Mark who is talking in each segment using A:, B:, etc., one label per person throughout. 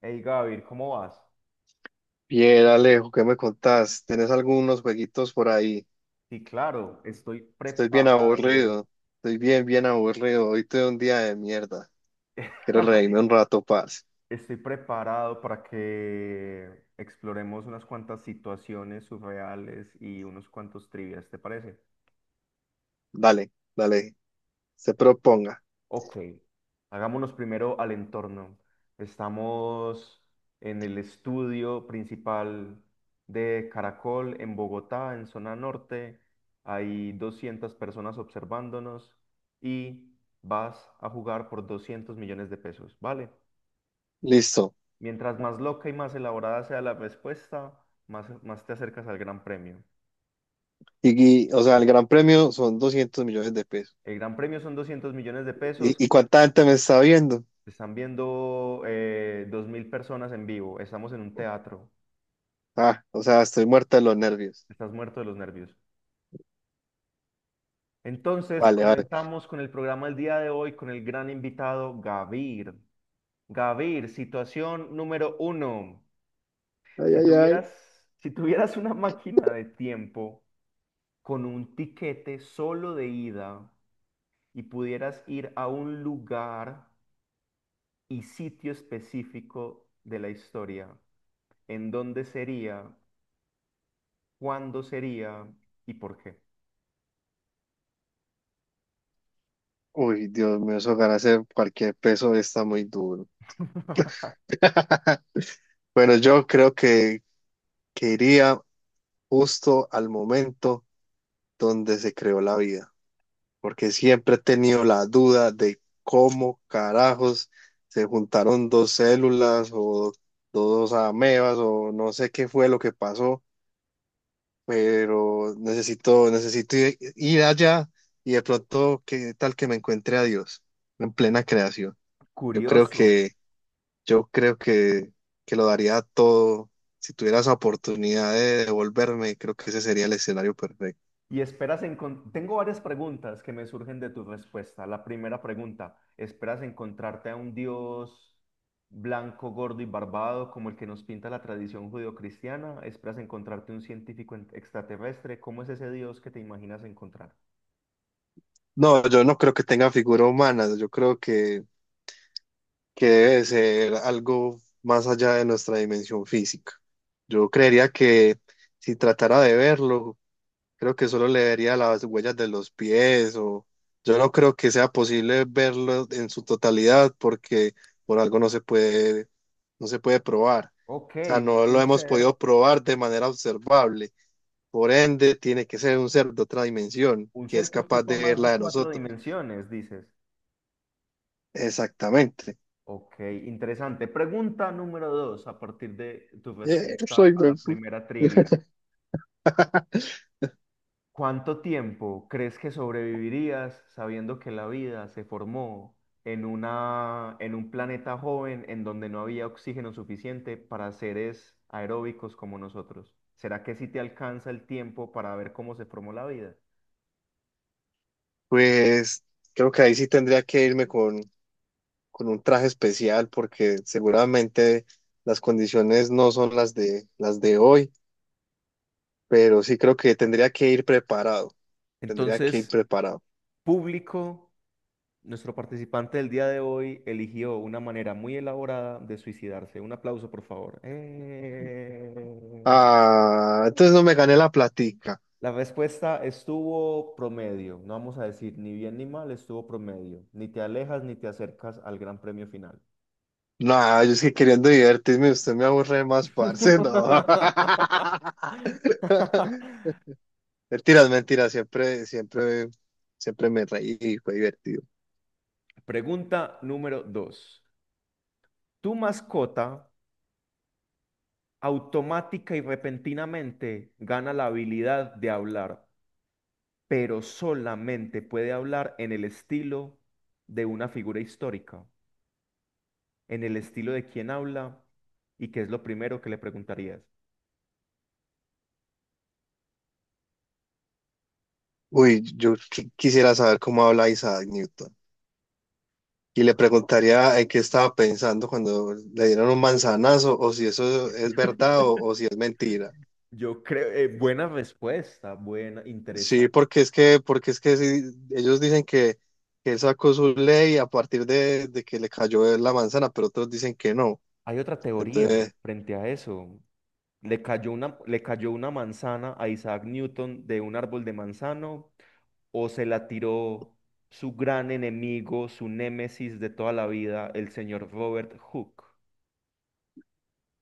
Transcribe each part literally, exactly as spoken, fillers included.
A: Hey Gavir, ¿cómo vas?
B: Bien, Alejo, ¿qué me contás? ¿Tenés algunos jueguitos por ahí?
A: Sí, claro, estoy
B: Estoy bien
A: preparado.
B: aburrido. Estoy bien, bien aburrido. Hoy tuve un día de mierda. Quiero reírme un rato, paz.
A: Estoy preparado para que exploremos unas cuantas situaciones surreales y unos cuantos trivias, ¿te parece?
B: Dale, dale. Se proponga.
A: Ok, hagámonos primero al entorno. Estamos en el estudio principal de Caracol en Bogotá, en zona norte. Hay doscientas personas observándonos y vas a jugar por doscientos millones de pesos, ¿vale?
B: Listo.
A: Mientras más loca y más elaborada sea la respuesta, más, más te acercas al gran premio.
B: Y, y, o sea, el gran premio son doscientos millones de pesos.
A: El gran premio son doscientos millones de pesos.
B: ¿Y, y cuánta gente me está viendo?
A: Te están viendo eh, dos mil personas en vivo. Estamos en un teatro.
B: Ah, o sea, estoy muerto de los nervios.
A: Estás muerto de los nervios. Entonces,
B: Vale, vale.
A: comenzamos con el programa del día de hoy con el gran invitado Gavir. Gavir, situación número uno.
B: Ay,
A: Si
B: ay, ay.
A: tuvieras, si tuvieras una máquina de tiempo con un tiquete solo de ida y pudieras ir a un lugar y sitio específico de la historia, ¿en dónde sería? ¿Cuándo sería? ¿Y por qué?
B: Uy, Dios mío, eso ganarse cualquier peso está muy duro. Bueno, yo creo que, que iría justo al momento donde se creó la vida, porque siempre he tenido la duda de cómo carajos se juntaron dos células o dos amebas o no sé qué fue lo que pasó, pero necesito, necesito ir, ir allá y de pronto qué tal que me encuentre a Dios en plena creación. Yo creo
A: Curioso.
B: que, yo creo que, que lo daría todo. Si tuviera esa oportunidad de devolverme, creo que ese sería el escenario perfecto.
A: Y esperas encontrar. Tengo varias preguntas que me surgen de tu respuesta. La primera pregunta, ¿esperas encontrarte a un Dios blanco, gordo y barbado como el que nos pinta la tradición judeocristiana? ¿Esperas encontrarte un científico en- extraterrestre? ¿Cómo es ese Dios que te imaginas encontrar?
B: No, yo no creo que tenga figura humana, yo creo que, que debe ser algo más allá de nuestra dimensión física. Yo creería que si tratara de verlo, creo que solo le vería las huellas de los pies o yo no creo que sea posible verlo en su totalidad porque por algo no se puede, no se puede probar.
A: Ok,
B: O sea, no lo
A: un
B: hemos
A: ser,
B: podido probar de manera observable. Por ende, tiene que ser un ser de otra dimensión
A: un
B: que es
A: ser que
B: capaz
A: ocupa
B: de ver
A: más
B: la
A: de
B: de
A: cuatro
B: nosotros.
A: dimensiones, dices.
B: Exactamente.
A: Ok, interesante. Pregunta número dos, a partir de tu
B: Eh,
A: respuesta
B: soy
A: a la
B: huefu-
A: primera trivia. ¿Cuánto tiempo crees que sobrevivirías sabiendo que la vida se formó en una, en un planeta joven en donde no había oxígeno suficiente para seres aeróbicos como nosotros? ¿Será que sí te alcanza el tiempo para ver cómo se formó la vida?
B: Pues creo que ahí sí tendría que irme con, con un traje especial porque seguramente las condiciones no son las de las de hoy, pero sí creo que tendría que ir preparado, tendría que ir
A: Entonces,
B: preparado.
A: público, nuestro participante del día de hoy eligió una manera muy elaborada de suicidarse. Un aplauso, por favor. ¡Eh!
B: Ah, entonces no me gané la platica.
A: La respuesta estuvo promedio, no vamos a decir ni bien ni mal, estuvo promedio. Ni te alejas ni te acercas al gran premio final.
B: No, yo es que queriendo divertirme, usted me aburre más, parce, no. Mentiras, mentiras, siempre, siempre, siempre me reí y fue divertido.
A: Pregunta número dos. Tu mascota automática y repentinamente gana la habilidad de hablar, pero solamente puede hablar en el estilo de una figura histórica, en el estilo de quien habla y qué es lo primero que le preguntarías.
B: Uy, yo qui- quisiera saber cómo habla Isaac Newton. Y le preguntaría en qué estaba pensando cuando le dieron un manzanazo, o si eso es verdad o, o si es mentira.
A: Yo creo, eh, buena respuesta, buena,
B: Sí,
A: interesante.
B: porque es que, porque es que sí, ellos dicen que, que él sacó su ley a partir de, de que le cayó la manzana, pero otros dicen que no.
A: Hay otra teoría
B: Entonces,
A: frente a eso. ¿Le cayó una, ¿le cayó una manzana a Isaac Newton de un árbol de manzano o se la tiró su gran enemigo, su némesis de toda la vida, el señor Robert Hooke?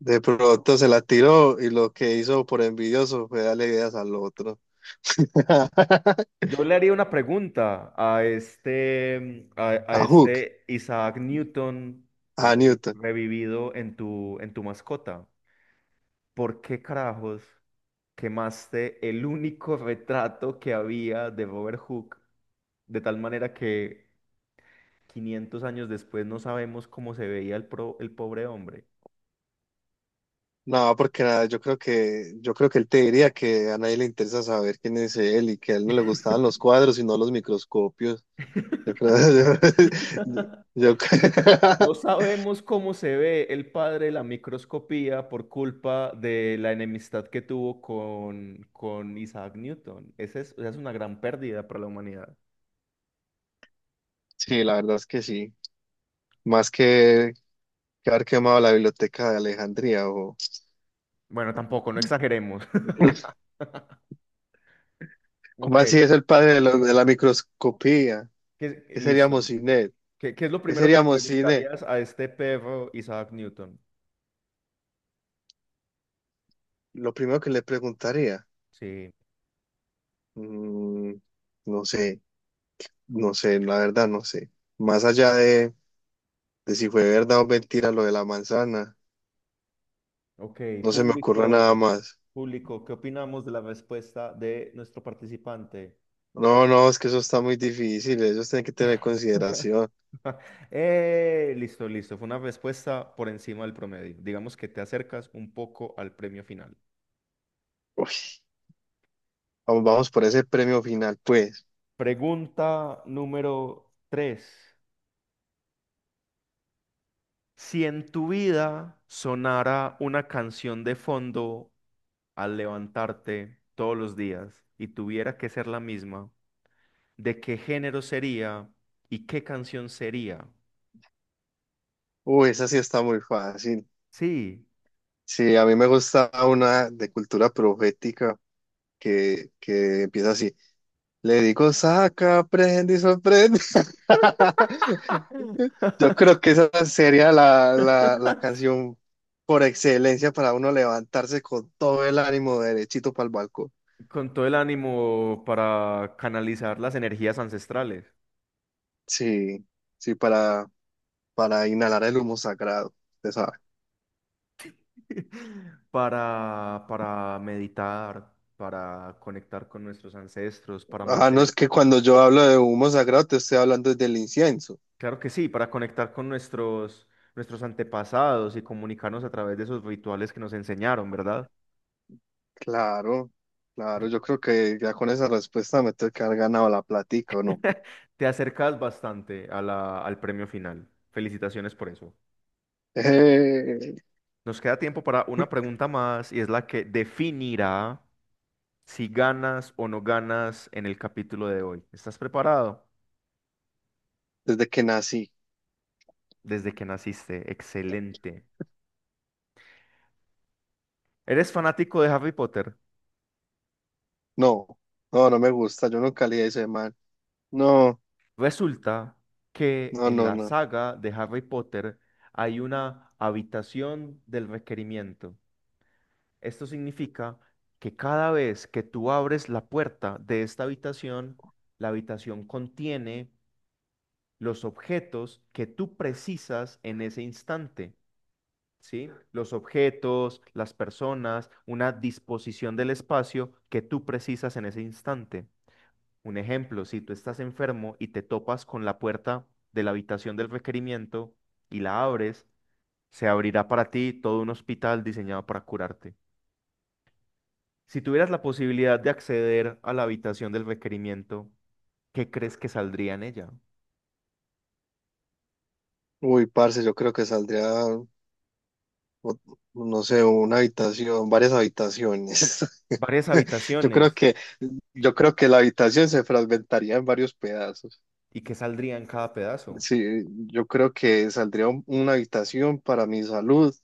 B: de pronto se la tiró y lo que hizo por envidioso fue darle ideas al otro.
A: Yo le haría una pregunta a este, a, a
B: A Hook,
A: este Isaac Newton
B: a
A: revi-
B: Newton.
A: revivido en tu, en tu mascota. ¿Por qué carajos quemaste el único retrato que había de Robert Hooke? De tal manera que quinientos años después no sabemos cómo se veía el, pro- el pobre hombre.
B: No, porque nada, yo creo que, yo creo que él te diría que a nadie le interesa saber quién es él y que a él no le gustaban los cuadros, sino los microscopios. Yo creo, yo- yo
A: No sabemos cómo se ve el padre de la microscopía por culpa de la enemistad que tuvo con, con Isaac Newton. Esa es, esa es una gran pérdida para la humanidad.
B: sí, la verdad es que sí. Más que, que haber quemado la biblioteca de Alejandría o
A: Bueno, tampoco, no exageremos.
B: ¿Cómo
A: Ok,
B: así es el padre de, lo- de la microscopía?
A: que-
B: ¿Qué seríamos
A: listo.
B: sin él?
A: ¿Qué, qué es lo
B: ¿Qué
A: primero que le
B: seríamos sin él?
A: preguntarías a este perro Isaac Newton?
B: Lo primero que le preguntaría,
A: Sí,
B: mm, no sé, no sé, la verdad no sé. Más allá de de si fue verdad o mentira lo de la manzana.
A: ok,
B: No se me ocurre
A: público,
B: nada más.
A: público, ¿qué opinamos de la respuesta de nuestro participante?
B: No, no, es que eso está muy difícil. Ellos tienen que tener consideración.
A: Eh, listo, listo, fue una respuesta por encima del promedio. Digamos que te acercas un poco al premio final.
B: Uy, vamos, vamos por ese premio final, pues.
A: Pregunta número tres: si en tu vida sonara una canción de fondo al levantarte todos los días y tuviera que ser la misma, de qué género sería y qué canción sería.
B: Uy, esa sí está muy fácil.
A: Sí,
B: Sí, a mí me gusta una de cultura profética que, que empieza así. Le digo, saca, prende y sorprende. Yo creo que esa sería la, la, la canción por excelencia para uno levantarse con todo el ánimo derechito para el balcón.
A: con todo el ánimo para canalizar las energías ancestrales,
B: Sí, sí, para, para inhalar el humo sagrado, usted sabe.
A: para, para meditar, para conectar con nuestros ancestros, para
B: Ah, no, es
A: mantener,
B: que cuando yo hablo de humo sagrado te estoy hablando del incienso.
A: claro que sí, para conectar con nuestros, nuestros antepasados y comunicarnos a través de esos rituales que nos enseñaron, ¿verdad?
B: Claro,
A: Pero
B: claro, yo creo que ya con esa respuesta me tengo que haber ganado la platica, ¿o no?
A: te acercas bastante a la- al premio final. Felicitaciones por eso.
B: Eh,
A: Nos queda tiempo para una pregunta más y es la que definirá si ganas o no ganas en el capítulo de hoy. ¿Estás preparado?
B: desde que nací.
A: Desde que naciste. Excelente. ¿Eres fanático de Harry Potter?
B: No, no, no me gusta, yo nunca leí ese man. No,
A: Resulta que
B: no,
A: en
B: no,
A: la
B: no.
A: saga de Harry Potter hay una habitación del requerimiento. Esto significa que cada vez que tú abres la puerta de esta habitación, la habitación contiene los objetos que tú precisas en ese instante, ¿sí? Los objetos, las personas, una disposición del espacio que tú precisas en ese instante. Un ejemplo, si tú estás enfermo y te topas con la puerta de la habitación del requerimiento y la abres, se abrirá para ti todo un hospital diseñado para curarte. Si tuvieras la posibilidad de acceder a la habitación del requerimiento, ¿qué crees que saldría en ella?
B: Uy, parce, yo creo que saldría, o- no sé, una habitación, varias habitaciones.
A: Varias
B: Yo creo
A: habitaciones.
B: que yo creo que la habitación se fragmentaría en varios pedazos.
A: ¿Y qué saldría en cada pedazo?
B: Sí, yo creo que saldría un- una habitación para mi salud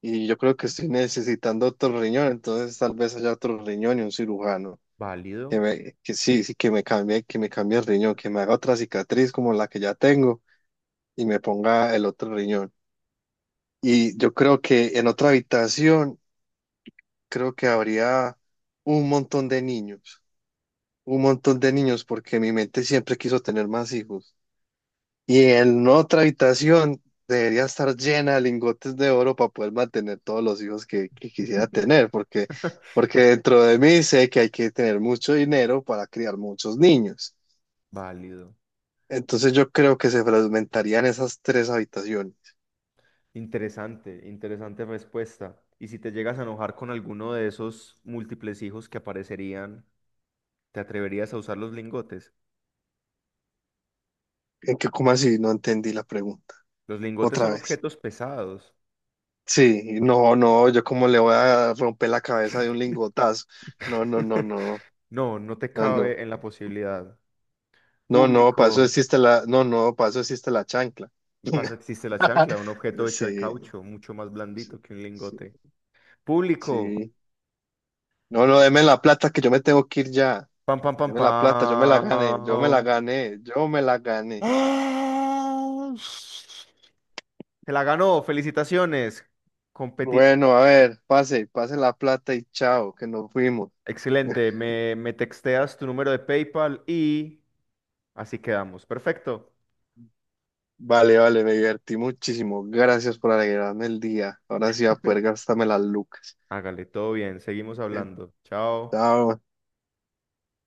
B: y yo creo que estoy necesitando otro riñón, entonces tal vez haya otro riñón y un cirujano que
A: Válido,
B: me, que sí, sí, que me cambie, que me cambie el riñón, que me haga otra cicatriz como la que ya tengo y me ponga el otro riñón. Y yo creo que en otra habitación creo que habría un montón de niños, un montón de niños porque mi mente siempre quiso tener más hijos. Y en otra habitación debería estar llena de lingotes de oro para poder mantener todos los hijos que, que quisiera tener, porque, porque dentro de mí sé que hay que tener mucho dinero para criar muchos niños.
A: válido.
B: Entonces yo creo que se fragmentarían esas tres habitaciones.
A: Interesante, interesante respuesta. Y si te llegas a enojar con alguno de esos múltiples hijos que aparecerían, ¿te atreverías a usar los lingotes?
B: ¿En qué, cómo así? No entendí la pregunta.
A: Los lingotes
B: Otra
A: son
B: vez.
A: objetos pesados.
B: Sí, no, no, yo como le voy a romper la cabeza de un lingotazo. No, no, no, no,
A: No, no te
B: no, no.
A: cabe en la posibilidad.
B: No, no, para eso
A: Público,
B: existe la, no, no, para eso existe la chancla.
A: paso existe la chancla, un objeto hecho de
B: Sí.
A: caucho, mucho más
B: Sí,
A: blandito que un
B: sí,
A: lingote. Público,
B: sí. No, no, deme la plata que yo me tengo que ir ya.
A: pam, pam, pam,
B: Deme la plata, yo me la gané, yo me la
A: pam.
B: gané, yo me la gané.
A: ¡Ah! Se la ganó, felicitaciones. Competido.
B: Bueno, a ver, pase, pase la plata y chao, que nos fuimos.
A: Excelente. Me, me texteas tu número de PayPal y así quedamos. Perfecto.
B: Vale, vale, me divertí muchísimo. Gracias por alegrarme el día. Ahora sí voy a poder gastarme las lucas.
A: Hágale, todo bien. Seguimos hablando. Chao.
B: Chao.